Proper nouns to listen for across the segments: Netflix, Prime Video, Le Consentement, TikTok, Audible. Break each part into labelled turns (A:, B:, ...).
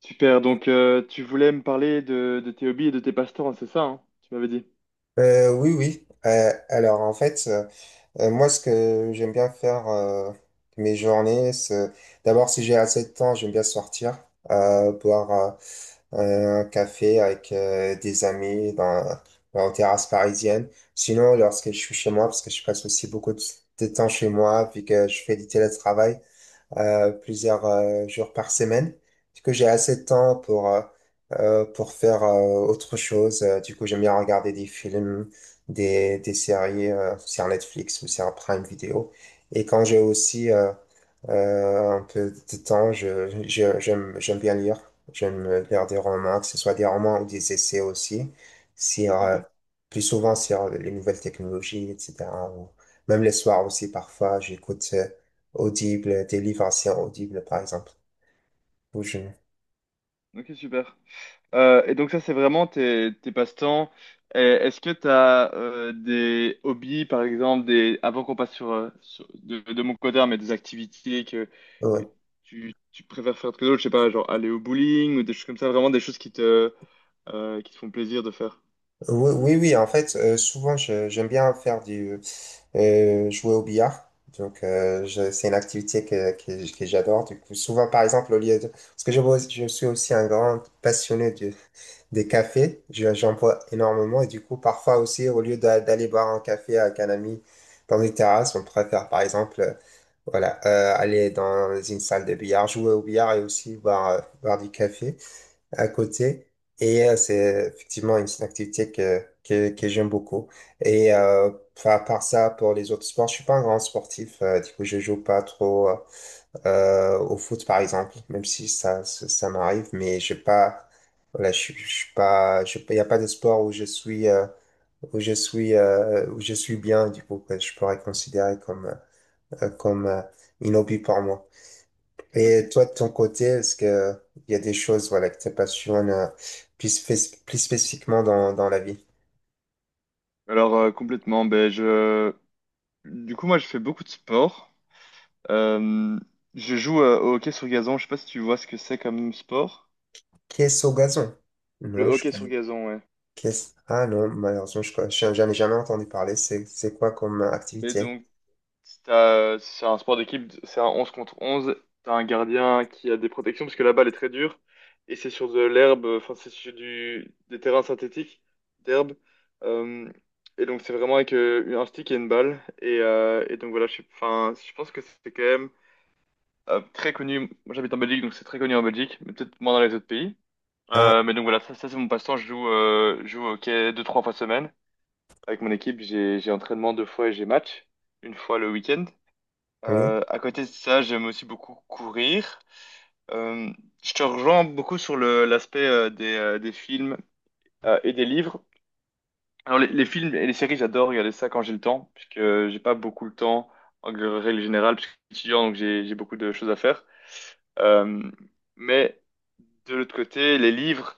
A: Super, tu voulais me parler de tes hobbies et de tes passe-temps, c'est ça, tu m'avais dit.
B: Oui, oui. Alors en fait, moi ce que j'aime bien faire de mes journées, c'est d'abord si j'ai assez de temps, j'aime bien sortir, boire un café avec des amis dans une terrasse parisienne. Sinon, lorsque je suis chez moi, parce que je passe aussi beaucoup de temps chez moi, vu que je fais du télétravail, plusieurs jours par semaine. Du coup, j'ai assez de temps pour faire autre chose. Du coup, j'aime bien regarder des films, des séries sur Netflix ou sur Prime Video. Et quand j'ai aussi un peu de temps, j'aime bien lire. J'aime lire des romans, que ce soit des romans ou des essais aussi, sur,
A: Ok,
B: euh, plus souvent sur les nouvelles technologies, etc. Ou même les soirs aussi, parfois, j'écoute Audible, des livres anciens Audible, par exemple. Ou je-
A: ok, super. Et donc ça, c'est vraiment tes passe-temps. Est-ce que tu as des hobbies, par exemple, avant qu'on passe sur, de mon côté, hein, mais des activités que
B: ouais.
A: tu préfères faire que d'autres, je sais pas, genre aller au bowling ou des choses comme ça, vraiment des choses qui te font plaisir de faire.
B: Oui, oui, oui, en fait, souvent, j'aime bien jouer au billard. Donc, c'est une activité que j'adore. Du coup, souvent, par exemple, au lieu de... Parce que je suis aussi un grand passionné des cafés. J'en bois énormément. Et du coup, parfois aussi, au lieu d'aller boire un café avec un ami dans une terrasse, on préfère, par exemple, voilà, aller dans une salle de billard, jouer au billard et aussi boire du café à côté. C'est effectivement une activité que j'aime beaucoup. Et euh, à part ça, pour les autres sports, je suis pas un grand sportif. Du coup, je joue pas trop au foot, par exemple, même si ça m'arrive. Mais j'ai pas, voilà, je suis pas, il n'y a pas de sport où je suis, où je suis bien. Du coup, que je pourrais considérer comme un hobby pour moi.
A: Mhm.
B: Et toi, de ton côté, est-ce que il y a des choses, voilà, que te passionnent plus, plus spécifiquement dans la vie?
A: Alors, complètement, ben, je... du coup, moi, je fais beaucoup de sport. Euh, je joue au hockey sur gazon. Je sais pas si tu vois ce que c'est comme sport.
B: Qu'est-ce au gazon?
A: Le
B: Non, je
A: hockey sur
B: connais.
A: gazon, ouais.
B: Qu'est-ce... Ah non, malheureusement, je connais. J'en ai jamais entendu parler. C'est quoi comme
A: Mais
B: activité?
A: donc, si t'as- c'est un sport d'équipe, c'est un 11 contre 11. T'as un gardien qui a des protections parce que la balle est très dure. Et c'est sur de l'herbe, enfin, c'est sur des terrains synthétiques d'herbe. Euh, et donc, c'est vraiment avec un stick et une balle. Et donc, voilà, enfin, je pense que c'est quand même très connu. Moi, j'habite en Belgique, donc c'est très connu en Belgique, mais peut-être moins dans les autres pays.
B: Ah
A: Mais donc voilà, ça c'est mon passe-temps. Je joue au hockey deux, trois fois semaine. Avec mon équipe, j'ai entraînement deux fois et j'ai match. Une fois le week-end.
B: oui.
A: À côté de ça, j'aime aussi beaucoup courir. Euh, je te rejoins beaucoup sur l'aspect des films et des livres. Alors les films et les séries, j'adore regarder ça quand j'ai le temps, puisque j'ai pas beaucoup le temps en règle générale, puisque je suis étudiant, donc j'ai beaucoup de choses à faire. Euh, mais de l'autre côté, les livres.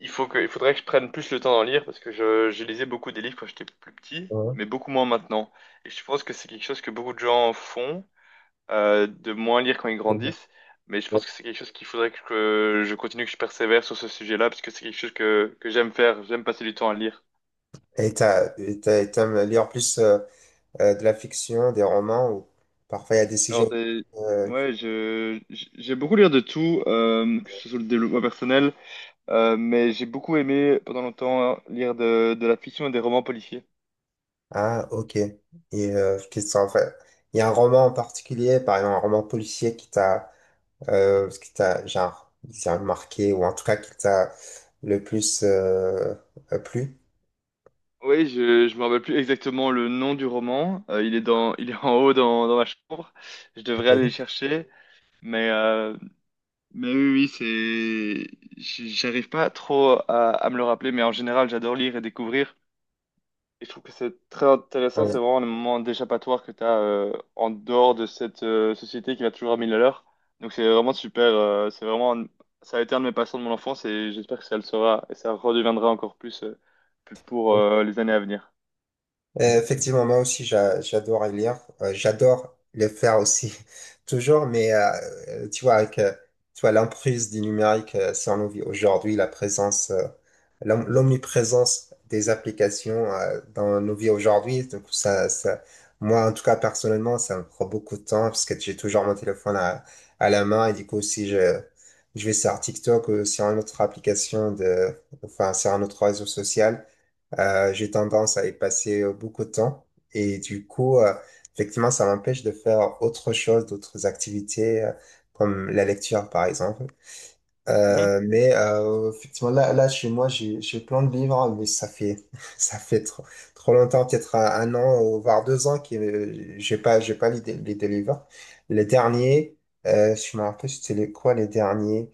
A: Il faudrait que je prenne plus le temps d'en lire parce que je lisais beaucoup des livres quand j'étais plus petit,
B: Ouais,
A: mais beaucoup moins maintenant. Et je pense que c'est quelque chose que beaucoup de gens font, de moins lire quand ils
B: ouais,
A: grandissent. Mais je
B: ouais.
A: pense que c'est quelque chose qu'il faudrait que je continue, que je persévère sur ce sujet-là parce que c'est quelque chose que j'aime faire. J'aime passer du temps à lire.
B: Et t'aimes lire plus de la fiction, des romans, ou parfois il y a des sujets.
A: Alors, des-
B: euh,
A: ouais, j'ai beaucoup lire de tout, que ce soit le développement personnel, mais j'ai beaucoup aimé pendant longtemps lire de la fiction et des romans policiers.
B: Ah ok. Et qu'est-ce que ça en fait? Il y a un roman en particulier, par exemple un roman policier qui t'a ce qui t'a, genre, disons, marqué, ou en tout cas, qui t'a le plus plu.
A: Oui, je me rappelle plus exactement le nom du roman. Il est dans, il est en haut dans ma chambre. Je devrais aller le
B: Oui.
A: chercher, mais euh, mais oui, oui, j'arrive pas trop à me le rappeler, mais en général, j'adore lire et découvrir. Et je trouve que c'est très intéressant.
B: Ouais.
A: C'est vraiment le moment d'échappatoire que tu as en dehors de cette société qui va toujours à mille à l'heure. Donc c'est vraiment super. Ça a été un de mes passions de mon enfance et j'espère que ça le sera et ça redeviendra encore plus, pour les années à venir.
B: Effectivement, moi aussi, j'adore lire. J'adore le faire aussi, toujours, mais tu vois, l'emprise du numérique, si on nous vit aujourd'hui, la présence. L'omniprésence des applications dans nos vies aujourd'hui. Donc moi, en tout cas, personnellement, ça me prend beaucoup de temps parce que j'ai toujours mon téléphone à la main et du coup, si je, je vais sur TikTok ou sur une autre application de, enfin, sur un autre réseau social, j'ai tendance à y passer beaucoup de temps et du coup, effectivement, ça m'empêche de faire autre chose, d'autres activités comme la lecture, par exemple.
A: Mhm.
B: Effectivement, là, chez moi, j'ai plein de livres, hein, mais ça fait trop longtemps, peut-être un an ou voire deux ans que j'ai pas lu des livres. Les derniers, je me rappelle, c'était les- quoi les derniers?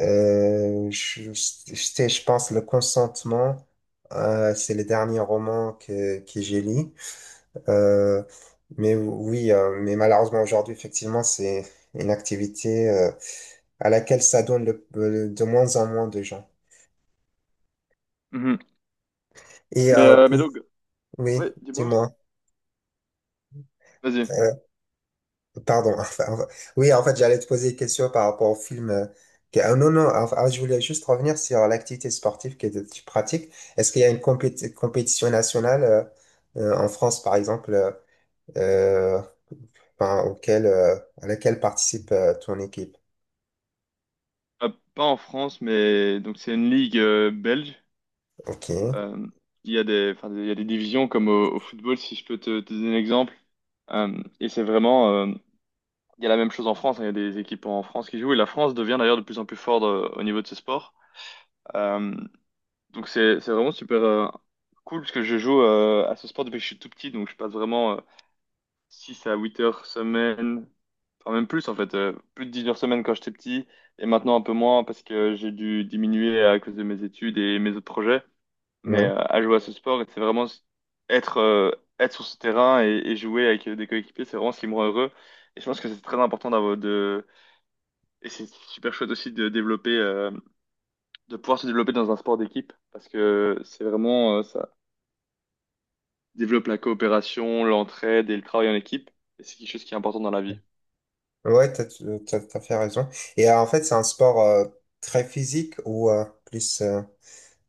B: C'était, je pense, Le Consentement. C'est le dernier roman que j'ai lu. Euh, oui, malheureusement aujourd'hui, effectivement, c'est une activité à laquelle ça donne de moins en moins de gens.
A: Mhm.
B: Et
A: Mais,
B: euh, pour- oui,
A: ouais, dis-moi.
B: dis-moi,
A: Vas-y.
B: euh, pardon. Oui, en fait, j'allais te poser une question par rapport au film. Ah, non, non, enfin, je voulais juste revenir sur l'activité sportive que tu pratiques. Est-ce qu'il y a une compétition nationale en France, par exemple, euh, enfin, auquel, à laquelle participe ton équipe?
A: Euh, pas en France, mais donc c'est une ligue belge.
B: Ok.
A: Euh, il y a des, enfin, il y a des divisions comme au football, si je peux te donner un exemple. Et c'est vraiment, il y a la même chose en France. Hein, il y a des équipes en France qui jouent. Et la France devient d'ailleurs de plus en plus forte au niveau de ce sport. Euh, donc c'est vraiment super cool parce que je joue à ce sport depuis que je suis tout petit. Donc je passe vraiment 6 à 8 heures semaine. Enfin, même plus en fait, plus de 10 heures semaine quand j'étais petit, et maintenant un peu moins parce que j'ai dû diminuer à cause de mes études et mes autres projets.
B: Oui.
A: À jouer à ce sport, c'est vraiment s- être, être sur ce terrain et jouer avec des coéquipiers, c'est vraiment ce qui me rend heureux. Et je pense que c'est très important d'avoir de... Et c'est super chouette aussi de développer, de pouvoir se développer dans un sport d'équipe parce que c'est vraiment, ça développe la coopération, l'entraide et le travail en équipe. Et c'est quelque chose qui est important dans la vie.
B: Ouais, t'as fait raison. Et en fait, c'est un sport très physique ou plus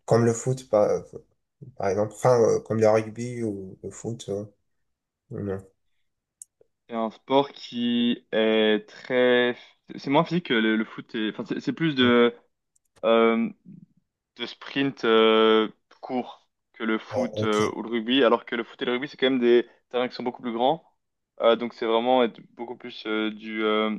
B: comme le foot, par exemple, enfin, comme le rugby ou le foot. Non.
A: C'est un sport qui est très... C'est moins physique que le foot. Enfin, c'est plus euh, de sprint court que le
B: Ah,
A: foot
B: ok.
A: ou le rugby. Alors que le foot et le rugby, c'est quand même des terrains qui sont beaucoup plus grands. Donc c'est vraiment être beaucoup plus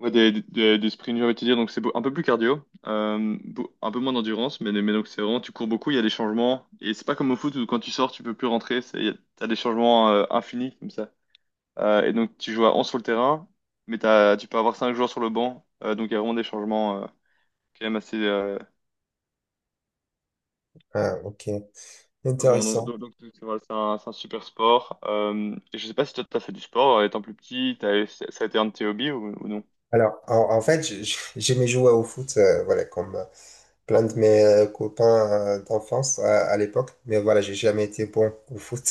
A: ouais, des sprints, j'ai envie de te dire. Donc un peu plus cardio. Un peu moins d'endurance. Mais donc c'est vraiment, tu cours beaucoup, il y a des changements. Et c'est pas comme au foot où quand tu sors, tu peux plus rentrer. T'as des changements infinis comme ça. Et donc tu joues à 11 sur le terrain, mais tu peux avoir 5 joueurs sur le banc. Donc il y a vraiment des changements quand même assez...
B: Ah, ok, intéressant.
A: donc, c'est voilà, c'est un super sport. Et je sais pas si toi t'as fait du sport étant plus petit, ça a été un de tes hobbies ou non?
B: Alors, en fait, j'aimais jouer au foot, voilà, comme plein de mes copains d'enfance à l'époque, mais voilà, j'ai jamais été bon au foot.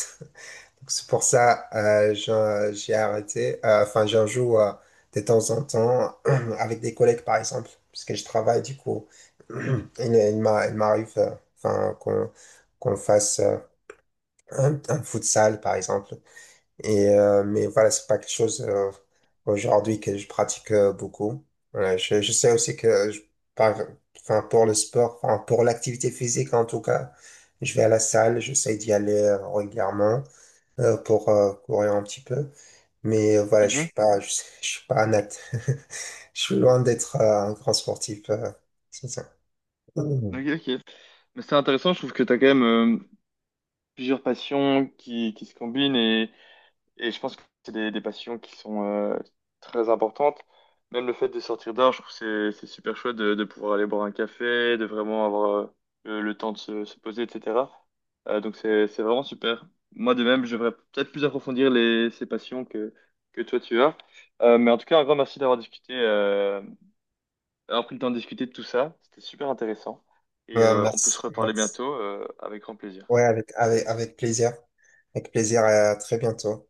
B: Donc, c'est pour ça j'ai arrêté. Enfin, j'en joue de temps en temps avec des collègues, par exemple, parce que je travaille du coup. Il m'arrive enfin, qu'on fasse un futsal, par exemple. Et, mais voilà, c'est pas quelque chose aujourd'hui que je pratique beaucoup. Voilà, je sais aussi que je, par, enfin, pour le sport, enfin, pour l'activité physique en tout cas, je vais à la salle, j'essaie d'y aller régulièrement pour courir un petit peu. Voilà,
A: Mhm.
B: je suis pas un je suis loin d'être un grand sportif. C'est ça.
A: Ok,
B: Mhm.
A: ok. Mais c'est intéressant, je trouve que t'as quand même plusieurs passions qui se combinent et je pense que c'est des passions qui sont très importantes. Même le fait de sortir dehors, je trouve que c'est super chouette de pouvoir aller boire un café, de vraiment avoir le temps de se poser, etc. Donc c'est vraiment super. Moi de même, je devrais peut-être plus approfondir ces passions que toi tu as. Mais en tout cas, un grand merci d'avoir discuté, d'avoir pris le temps de discuter de tout ça. C'était super intéressant. On peut se reparler
B: Merci.
A: bientôt, avec grand plaisir.
B: Ouais, avec plaisir. Avec plaisir et à très bientôt.